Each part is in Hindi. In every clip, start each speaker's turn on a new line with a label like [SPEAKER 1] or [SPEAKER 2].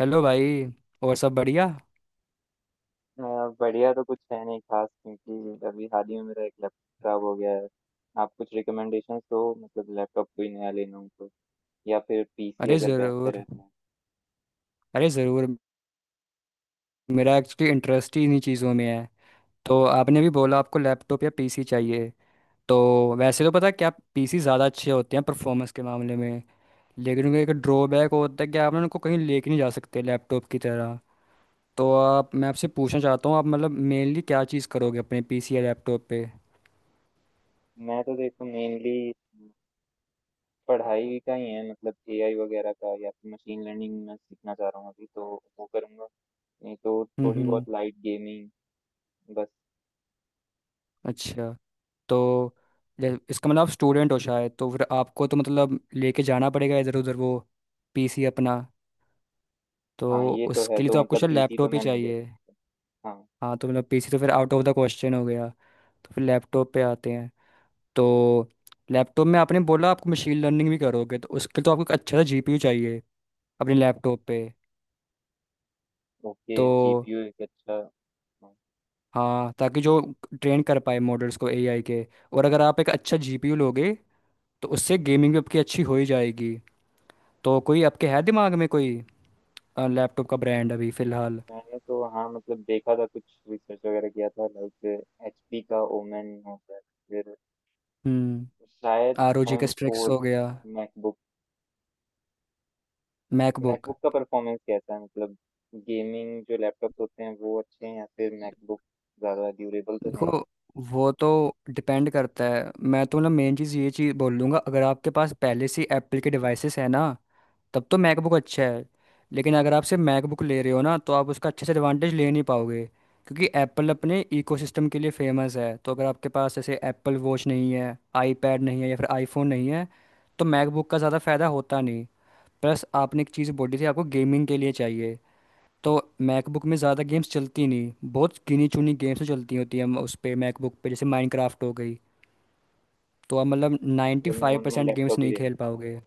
[SPEAKER 1] हेलो भाई। और सब बढ़िया?
[SPEAKER 2] अ, बढ़िया तो कुछ है नहीं खास क्योंकि अभी हाल ही में मेरा एक लैपटॉप खराब हो गया है। आप कुछ रिकमेंडेशंस दो मतलब लैपटॉप कोई नया ले लूँ तो या फिर पीसी
[SPEAKER 1] अरे
[SPEAKER 2] अगर बेहतर
[SPEAKER 1] ज़रूर,
[SPEAKER 2] है तो।
[SPEAKER 1] अरे ज़रूर, मेरा एक्चुअली इंटरेस्ट ही इन्हीं चीज़ों में है। तो आपने भी बोला आपको लैपटॉप या पीसी चाहिए। तो वैसे तो पता है क्या, पीसी ज़्यादा अच्छे होते हैं परफॉर्मेंस के मामले में, लेकिन उनका एक ड्रॉबैक होता है कि आप ना उनको कहीं लेके नहीं जा सकते लैपटॉप की तरह। तो आप मैं आपसे पूछना चाहता हूँ, आप मतलब मेनली क्या चीज़ करोगे अपने पीसी या लैपटॉप पे?
[SPEAKER 2] मैं तो देखो मेनली पढ़ाई का ही है मतलब एआई वगैरह का या फिर मशीन लर्निंग मैं सीखना चाह रहा हूँ अभी तो वो करूँगा। नहीं तो
[SPEAKER 1] हम्म
[SPEAKER 2] थोड़ी
[SPEAKER 1] हम्म।
[SPEAKER 2] बहुत लाइट गेमिंग बस।
[SPEAKER 1] अच्छा, तो इसका मतलब आप स्टूडेंट हो शायद, तो फिर आपको तो मतलब लेके जाना पड़ेगा इधर उधर वो पीसी अपना। तो
[SPEAKER 2] हाँ ये तो है
[SPEAKER 1] उसके लिए तो
[SPEAKER 2] तो
[SPEAKER 1] आपको
[SPEAKER 2] मतलब
[SPEAKER 1] शायद
[SPEAKER 2] पीसी तो
[SPEAKER 1] लैपटॉप ही
[SPEAKER 2] मैं नहीं ले
[SPEAKER 1] चाहिए।
[SPEAKER 2] सकता। हाँ।
[SPEAKER 1] हाँ, तो मतलब पीसी तो फिर आउट ऑफ द क्वेश्चन हो गया। तो फिर लैपटॉप पे आते हैं। तो लैपटॉप में आपने बोला आपको मशीन लर्निंग भी करोगे, तो उसके लिए तो आपको एक अच्छा सा जीपीयू चाहिए अपने लैपटॉप पे।
[SPEAKER 2] ओके
[SPEAKER 1] तो
[SPEAKER 2] जीपीयू एक अच्छा। हाँ।
[SPEAKER 1] हाँ, ताकि जो ट्रेन कर पाए मॉडल्स को एआई के। और अगर आप एक अच्छा जीपीयू लोगे, तो उससे गेमिंग भी आपकी अच्छी हो ही जाएगी। तो कोई आपके है दिमाग में कोई लैपटॉप का ब्रांड अभी फिलहाल?
[SPEAKER 2] मैंने तो हाँ मतलब देखा था कुछ रिसर्च वगैरह किया था लाइक एचपी का ओमेन होता है। फिर
[SPEAKER 1] हम्म,
[SPEAKER 2] शायद
[SPEAKER 1] ROG का
[SPEAKER 2] एम
[SPEAKER 1] स्ट्रिक्स
[SPEAKER 2] फोर
[SPEAKER 1] हो गया,
[SPEAKER 2] मैकबुक।
[SPEAKER 1] मैकबुक।
[SPEAKER 2] मैकबुक का परफॉर्मेंस कैसा है मतलब गेमिंग जो लैपटॉप होते हैं वो अच्छे हैं या फिर मैकबुक ज़्यादा ड्यूरेबल तो है ही।
[SPEAKER 1] देखो, वो तो डिपेंड करता है। मैं तो मतलब मेन चीज़ ये चीज़ बोल दूंगा, अगर आपके पास पहले से एप्पल के डिवाइसेस है ना, तब तो मैकबुक अच्छा है। लेकिन अगर आप सिर्फ मैकबुक ले रहे हो ना, तो आप उसका अच्छे से एडवांटेज ले नहीं पाओगे, क्योंकि एप्पल अपने इकोसिस्टम के लिए फेमस है। तो अगर आपके पास ऐसे एप्पल वॉच नहीं है, आईपैड नहीं है, या फिर आईफोन नहीं है, तो मैकबुक का ज़्यादा फ़ायदा होता नहीं। प्लस आपने एक चीज़ बोली थी आपको गेमिंग के लिए चाहिए। तो मैकबुक में ज़्यादा गेम्स चलती नहीं, बहुत गिनी चुनी गेम्स ही चलती होती हैं उस पर मैकबुक पे, जैसे माइनक्राफ्ट हो गई। तो आप मतलब नाइन्टी
[SPEAKER 2] मतलब
[SPEAKER 1] five
[SPEAKER 2] normal
[SPEAKER 1] percent games
[SPEAKER 2] laptop ही
[SPEAKER 1] नहीं
[SPEAKER 2] लेना।
[SPEAKER 1] खेल पाओगे।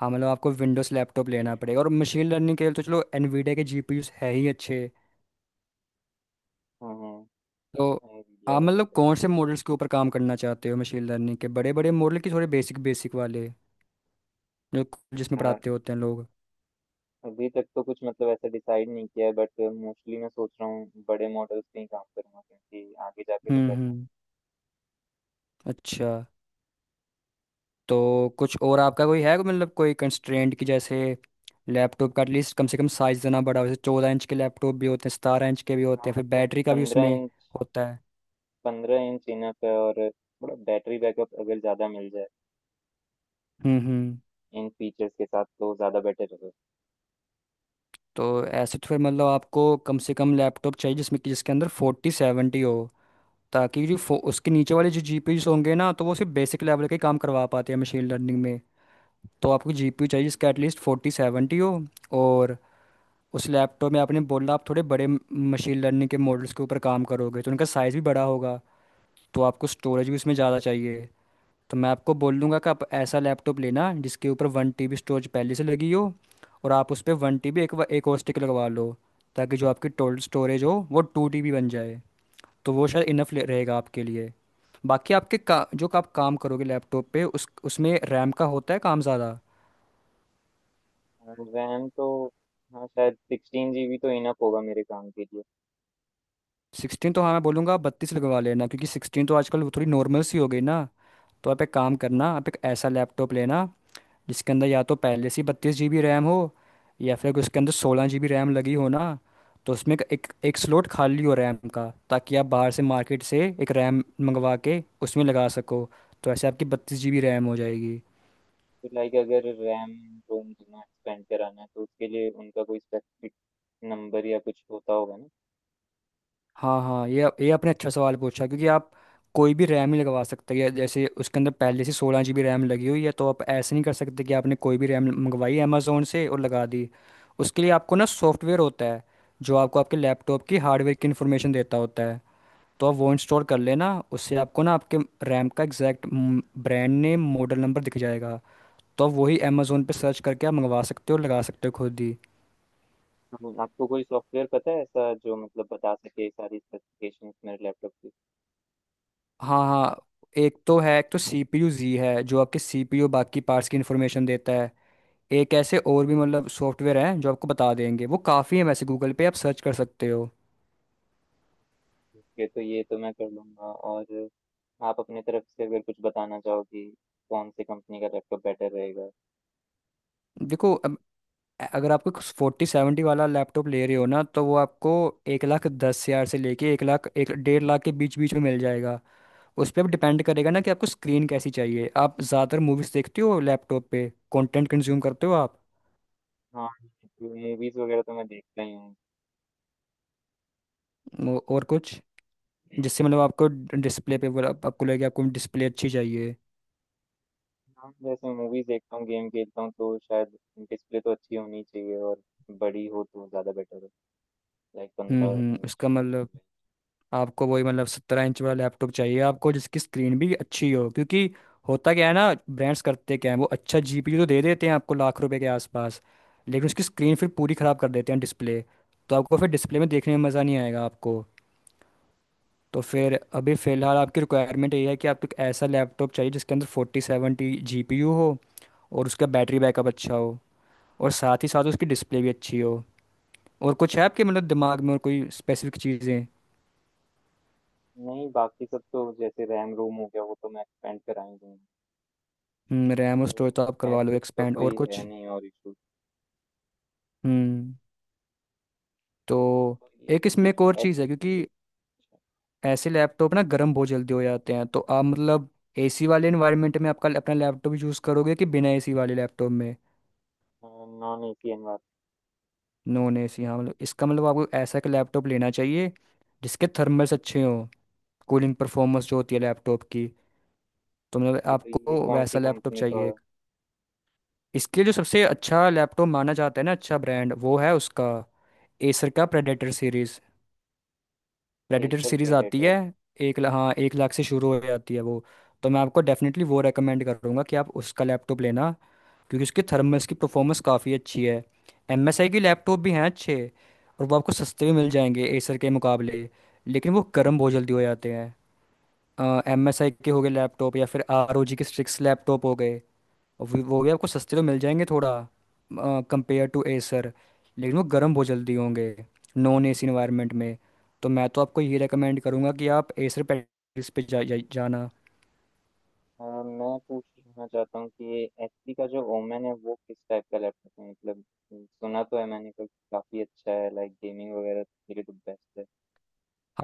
[SPEAKER 1] हाँ, मतलब आपको विंडोज़ लैपटॉप लेना पड़ेगा, और मशीन लर्निंग के लिए तो चलो एनवीडिया के जीपीयूस है ही अच्छे।
[SPEAKER 2] हाँ हाँ।
[SPEAKER 1] तो
[SPEAKER 2] आइडिया
[SPEAKER 1] आप
[SPEAKER 2] का तो
[SPEAKER 1] मतलब
[SPEAKER 2] सही।
[SPEAKER 1] कौन से मॉडल्स के ऊपर काम करना चाहते हो, मशीन लर्निंग के बड़े बड़े मॉडल की थोड़े बेसिक बेसिक वाले जो जिसमें
[SPEAKER 2] हाँ।
[SPEAKER 1] पढ़ाते होते हैं लोग?
[SPEAKER 2] अभी तक तो कुछ मतलब ऐसा डिसाइड नहीं किया है बट मोस्टली मैं सोच रहा हूँ बड़े मॉडल्स पे ही काम करूंगा क्योंकि आगे जाके तो करना है।
[SPEAKER 1] हम्म। अच्छा, तो कुछ और आपका कोई है मतलब कोई कंस्ट्रेंट की जैसे लैपटॉप का एटलीस्ट कम से कम साइज देना बड़ा हो, जैसे 14 इंच के लैपटॉप भी होते हैं, 17 इंच के भी
[SPEAKER 2] हाँ
[SPEAKER 1] होते हैं, फिर
[SPEAKER 2] मतलब
[SPEAKER 1] बैटरी का भी
[SPEAKER 2] पंद्रह
[SPEAKER 1] उसमें
[SPEAKER 2] इंच
[SPEAKER 1] होता है।
[SPEAKER 2] 15 इंच इनफ है और थोड़ा बैटरी बैकअप अगर ज़्यादा मिल जाए
[SPEAKER 1] हम्म।
[SPEAKER 2] इन फीचर्स के साथ तो ज़्यादा बेटर है।
[SPEAKER 1] तो ऐसे तो फिर मतलब आपको कम से कम लैपटॉप चाहिए जिसमें कि जिसके अंदर 4070 हो, ताकि जो उसके नीचे वाले जो जीपीयूज होंगे ना, तो वो सिर्फ बेसिक लेवल के काम करवा पाते हैं मशीन लर्निंग में। तो आपको जीपीयू चाहिए जिसका एटलीस्ट 4070 हो। और उस लैपटॉप में आपने बोला आप थोड़े बड़े मशीन लर्निंग के मॉडल्स के ऊपर काम करोगे, तो उनका साइज़ भी बड़ा होगा। तो आपको स्टोरेज भी उसमें ज़्यादा चाहिए। तो मैं आपको बोल दूंगा कि आप ऐसा लैपटॉप लेना जिसके ऊपर 1 TB स्टोरेज पहले से लगी हो, और आप उस पर 1 TB एक और स्टिक लगवा लो, ताकि जो आपकी टोटल स्टोरेज हो वो 2 TB बन जाए। तो वो शायद इनफ रहेगा आपके लिए। बाकी आपके का जो आप काम करोगे लैपटॉप पे, उस उसमें रैम का होता है काम ज़्यादा।
[SPEAKER 2] और रैम तो हाँ शायद 16 GB तो इनफ होगा मेरे काम के लिए।
[SPEAKER 1] 16 तो हाँ, मैं बोलूँगा आप 32 लगवा लेना, क्योंकि 16 तो आजकल वो थोड़ी नॉर्मल सी हो गई ना। तो आप एक काम करना,
[SPEAKER 2] हाँ।
[SPEAKER 1] आप एक ऐसा लैपटॉप लेना जिसके अंदर या तो पहले से 32 GB रैम हो, या फिर उसके अंदर 16 GB रैम लगी हो ना, तो उसमें एक एक, एक स्लॉट खाली हो रैम का, ताकि आप बाहर से मार्केट से एक रैम मंगवा के उसमें लगा सको। तो ऐसे आपकी 32 GB रैम हो जाएगी।
[SPEAKER 2] तो लाइक अगर रैम रोम जितना एक्सपेंड कराना है तो उसके लिए उनका कोई स्पेसिफिक नंबर या कुछ होता होगा ना।
[SPEAKER 1] हाँ हाँ, ये आपने अच्छा सवाल पूछा, क्योंकि आप कोई भी रैम ही लगवा सकते हैं। जैसे उसके अंदर पहले से 16 GB रैम लगी हुई है, तो आप ऐसे नहीं कर सकते कि आपने कोई भी रैम मंगवाई अमेज़ोन से और लगा दी। उसके लिए आपको ना सॉफ्टवेयर होता है जो आपको आपके लैपटॉप की हार्डवेयर की इन्फॉर्मेशन देता होता है। तो आप वो इंस्टॉल कर लेना, उससे आपको ना आपके रैम का exact brand name model number दिख जाएगा। तो आप वही अमेज़ोन पे सर्च करके आप मंगवा सकते हो, लगा सकते हो खुद ही।
[SPEAKER 2] तो आपको कोई सॉफ्टवेयर पता है ऐसा जो मतलब बता सके सारी स्पेसिफिकेशंस मेरे लैपटॉप की।
[SPEAKER 1] हाँ हाँ, एक तो है, एक तो सीपीयू जी है जो आपके सीपीयू बाकी पार्ट्स की इन्फॉर्मेशन देता है। एक ऐसे और भी मतलब सॉफ्टवेयर हैं जो आपको बता देंगे, वो काफ़ी है। वैसे गूगल पे आप सर्च कर सकते हो।
[SPEAKER 2] ओके तो ये तो मैं कर लूँगा और आप अपने तरफ से अगर कुछ बताना चाहो कि कौन से कंपनी का लैपटॉप बेटर रहेगा।
[SPEAKER 1] देखो अब, अगर आपको 4070 वाला लैपटॉप ले रहे हो ना, तो वो आपको 1,10,000 से लेके 1,00,000 एक 1,50,000 के बीच बीच में मिल जाएगा। उस पर अब डिपेंड करेगा ना, कि आपको स्क्रीन कैसी चाहिए, आप ज़्यादातर मूवीज़ देखते हो लैपटॉप पे, कंटेंट कंज्यूम करते हो आप?
[SPEAKER 2] हाँ, मूवीज़ वगैरह तो मैं देखता ही हूँ।
[SPEAKER 1] और कुछ जिससे मतलब आपको डिस्प्ले पे बोला आपको लगे आपको डिस्प्ले अच्छी चाहिए?
[SPEAKER 2] हाँ, जैसे मूवीज़ देखता हूँ, गेम खेलता हूँ तो शायद डिस्प्ले तो अच्छी होनी चाहिए और बड़ी हो तो ज़्यादा बेटर है, लाइक 15
[SPEAKER 1] हम्म,
[SPEAKER 2] इंच
[SPEAKER 1] उसका
[SPEAKER 2] या
[SPEAKER 1] मतलब
[SPEAKER 2] 16
[SPEAKER 1] आपको वही मतलब 17 इंच वाला लैपटॉप चाहिए, आपको जिसकी स्क्रीन भी अच्छी हो, क्योंकि होता क्या है ना, ब्रांड्स करते क्या है वो, अच्छा जीपीयू तो दे देते हैं आपको लाख रुपए के आसपास, लेकिन उसकी स्क्रीन फिर पूरी ख़राब कर देते हैं, डिस्प्ले। तो आपको फिर डिस्प्ले में देखने में मज़ा नहीं आएगा आपको। तो फिर अभी फ़िलहाल आपकी रिक्वायरमेंट ये है कि आपको एक ऐसा लैपटॉप चाहिए जिसके अंदर 4070 GPU हो, और उसका बैटरी बैकअप अच्छा हो, और साथ ही साथ उसकी डिस्प्ले भी अच्छी हो। और कुछ है आपके मतलब दिमाग में और कोई स्पेसिफिक चीज़ें?
[SPEAKER 2] इंच। नहीं, बाकी सब तो जैसे रैम रोम हो गया वो तो मैं एक्सपेंड करा ही दूँगा,
[SPEAKER 1] हम्म, रैम और
[SPEAKER 2] तो
[SPEAKER 1] स्टोरेज तो आप
[SPEAKER 2] एज
[SPEAKER 1] करवा लो
[SPEAKER 2] सच तो
[SPEAKER 1] एक्सपेंड।
[SPEAKER 2] कोई
[SPEAKER 1] और कुछ?
[SPEAKER 2] है नहीं और इशू।
[SPEAKER 1] हम्म। तो
[SPEAKER 2] तो ये
[SPEAKER 1] एक
[SPEAKER 2] ये
[SPEAKER 1] इसमें एक
[SPEAKER 2] जो
[SPEAKER 1] और
[SPEAKER 2] एच।
[SPEAKER 1] चीज़ है, क्योंकि ऐसे लैपटॉप ना गर्म बहुत जल्दी हो जाते हैं। तो आप मतलब एसी वाले इन्वायरमेंट में आपका अपना लैपटॉप यूज़ करोगे कि बिना एसी वाले लैपटॉप में?
[SPEAKER 2] Non AC.
[SPEAKER 1] नॉन एसी, हाँ, मतलब इसका मतलब आपको ऐसा का लैपटॉप लेना चाहिए जिसके थर्मल्स अच्छे हों, कूलिंग परफॉर्मेंस जो होती है लैपटॉप की। तो मतलब
[SPEAKER 2] एनवायरनमेंट तो ये
[SPEAKER 1] आपको
[SPEAKER 2] कौन सी
[SPEAKER 1] वैसा लैपटॉप
[SPEAKER 2] कंपनी का।
[SPEAKER 1] चाहिए। इसके लिए जो सबसे अच्छा लैपटॉप माना जाता है ना, अच्छा ब्रांड, वो है उसका एसर का Predator series. Predator
[SPEAKER 2] Acer
[SPEAKER 1] series आती
[SPEAKER 2] प्रेडेटर।
[SPEAKER 1] है, हाँ, एक लाख से शुरू हो जाती है वो। तो मैं आपको डेफिनेटली वो रेकमेंड करूँगा कि आप उसका लैपटॉप लेना, क्योंकि उसकी थर्मल्स की परफॉर्मेंस काफ़ी अच्छी है। एम एस आई की लैपटॉप भी हैं अच्छे, और वो आपको सस्ते में मिल जाएंगे एसर के मुकाबले, लेकिन वो गर्म बहुत जल्दी हो जाते हैं। MSI के हो गए लैपटॉप, या फिर ROG के स्ट्रिक्स लैपटॉप हो गए, और वो भी आपको सस्ते तो मिल जाएंगे थोड़ा कंपेयर टू एसर, लेकिन वो गर्म बहुत जल्दी होंगे नॉन एसी इन्वायरमेंट में। तो मैं तो आपको ये रेकमेंड करूँगा कि आप एसर पैकेज पे जा, जा, जाना।
[SPEAKER 2] मैं पूछना चाहता हूँ कि एचपी का जो ओमेन है वो किस टाइप का लैपटॉप है मतलब। सुना तो है मैंने कि काफी अच्छा है लाइक गेमिंग वगैरह के लिए तो बेस्ट है।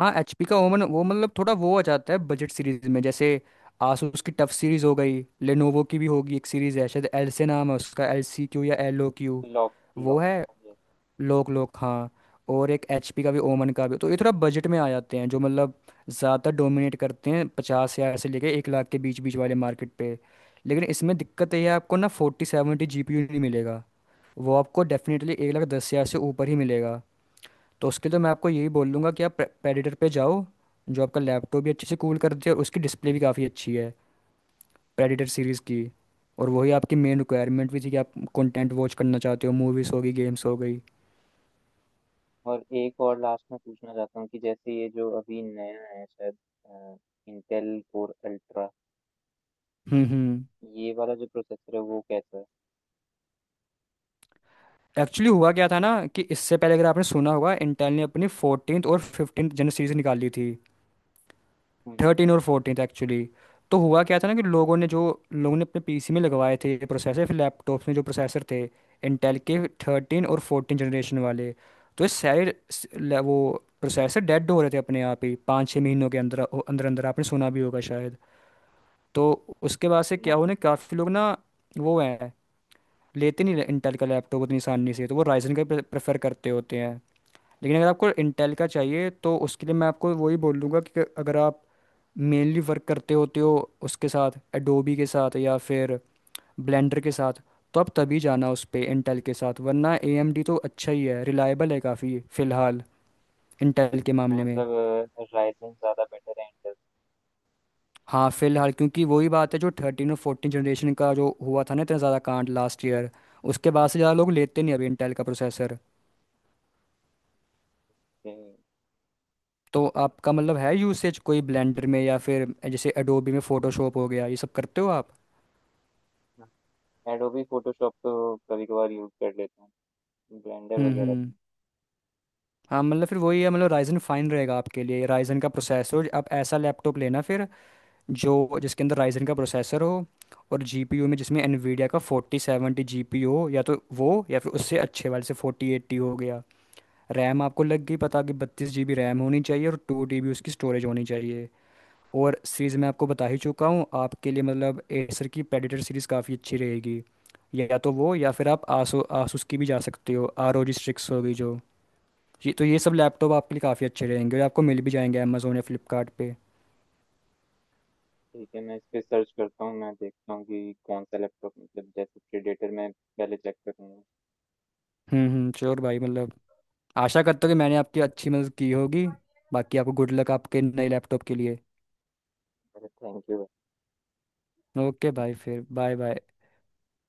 [SPEAKER 1] हाँ, एचपी का ओवन, वो मतलब थोड़ा वो आ जाता है बजट सीरीज में, जैसे आसूस की टफ सीरीज हो गई, लेनोवो की भी होगी एक सीरीज है शायद, एल से नाम है उसका, LCQ या LOQ।
[SPEAKER 2] लॉक
[SPEAKER 1] वो
[SPEAKER 2] लॉक।
[SPEAKER 1] है,
[SPEAKER 2] yes।
[SPEAKER 1] लोक लोक हाँ। और एक एचपी का भी, ओमन का भी, तो ये थोड़ा बजट में आ जाते हैं, जो मतलब ज़्यादा डोमिनेट करते हैं 50,000 से लेके 1,00,000 के बीच बीच वाले मार्केट पे। लेकिन इसमें दिक्कत ये है, आपको ना 4070 जीपीयू नहीं मिलेगा, वो आपको डेफिनेटली 1,10,000 से ऊपर ही मिलेगा। तो उसके लिए तो मैं आपको यही बोल दूंगा कि आप प्रेडिटर पे जाओ, जो आपका लैपटॉप भी अच्छे से कूल करती है, और उसकी डिस्प्ले भी काफ़ी अच्छी है प्रेडिटर सीरीज़ की। और वही आपकी मेन रिक्वायरमेंट भी थी कि आप कंटेंट वॉच करना चाहते हो, मूवीज़ होगी, गेम्स हो गई।
[SPEAKER 2] और एक और लास्ट में पूछना चाहता हूँ कि जैसे ये जो अभी नया है शायद इंटेल कोर अल्ट्रा
[SPEAKER 1] हम्म।
[SPEAKER 2] ये वाला जो प्रोसेसर है वो कैसा है।
[SPEAKER 1] एक्चुअली हुआ क्या था ना, कि इससे पहले अगर आपने सुना होगा, इंटेल ने अपनी 14 और 15 जनरल सीरीज निकाली थी,
[SPEAKER 2] हम्म,
[SPEAKER 1] 13 और 14 एक्चुअली। तो हुआ क्या था ना कि लोगों ने अपने पीसी में लगवाए थे ये प्रोसेसर, फिर लैपटॉप्स में जो प्रोसेसर थे इंटेल के, 13 और फोर्टीन जनरेशन वाले, तो ये सारे वो प्रोसेसर डेड हो रहे थे अपने आप ही पाँच छः महीनों के अंदर अंदर अंदर, आपने सुना भी होगा शायद। तो उसके बाद से
[SPEAKER 2] ना।
[SPEAKER 1] क्या हुआ ना, काफ़ी लोग ना वो हैं, लेते नहीं इंटेल का लैपटॉप उतनी आसानी से, तो वो राइजन का प्रेफर करते होते हैं। लेकिन अगर आपको इंटेल का चाहिए, तो उसके लिए मैं आपको वही बोलूँगा कि अगर आप मेनली वर्क करते होते हो उसके साथ एडोबी के साथ या फिर ब्लेंडर के साथ, तो आप तभी जाना उस पे इंटेल के साथ, वरना एएमडी तो अच्छा ही है, रिलायबल है काफ़ी फ़िलहाल इंटेल के
[SPEAKER 2] अच्छा,
[SPEAKER 1] मामले में।
[SPEAKER 2] मतलब राइजन ज्यादा बेटर है इंटेल।
[SPEAKER 1] हाँ फ़िलहाल, क्योंकि वही बात है, जो 13 और फोर्टीन जनरेशन का जो हुआ था ना, इतना ज़्यादा कांड लास्ट ईयर, उसके बाद से ज़्यादा लोग लेते नहीं अभी इंटेल का प्रोसेसर। तो आपका मतलब है यूसेज कोई ब्लेंडर में या फिर जैसे एडोबी में फोटोशॉप हो गया, ये सब करते हो आप?
[SPEAKER 2] एडोबी फोटोशॉप तो कभी कभार यूज कर लेता हूँ ब्लेंडर वगैरह
[SPEAKER 1] हम्म। हाँ मतलब फिर वही है, मतलब राइजन फाइन रहेगा आपके लिए, राइजन का प्रोसेसर। आप ऐसा लैपटॉप लेना फिर जो जिसके अंदर राइजन का प्रोसेसर हो, और जीपीयू में जिसमें एनवीडिया का 4070 जीपीयू हो, या तो वो या फिर उससे अच्छे वाले से 4080 हो गया। रैम आपको लग गई पता कि 32 GB रैम होनी चाहिए, और टू डीबी उसकी स्टोरेज होनी चाहिए। और सीरीज मैं
[SPEAKER 2] तो।
[SPEAKER 1] आपको बता ही चुका हूँ आपके लिए, मतलब एसर की प्रेडेटर सीरीज काफ़ी अच्छी रहेगी। या तो वो या फिर आप आसो आसूस की भी जा सकते हो, ROG स्ट्रिक्स होगी जो, ये तो ये सब लैपटॉप आपके लिए काफ़ी अच्छे रहेंगे, और आपको मिल भी जाएंगे अमेजोन या फ्लिपकार्ट पे।
[SPEAKER 2] ठीक है, मैं इस पे सर्च करता हूँ, मैं देखता हूँ कि कौन सा लैपटॉप मतलब जैसे प्रीडेटर मैं पहले चेक करूँगा।
[SPEAKER 1] हम्म। श्योर भाई, मतलब आशा करता हूँ कि मैंने आपकी अच्छी मदद की होगी। बाकी आपको गुड लक आपके नए लैपटॉप के लिए।
[SPEAKER 2] अरे थैंक यू।
[SPEAKER 1] ओके भाई, फिर बाय बाय।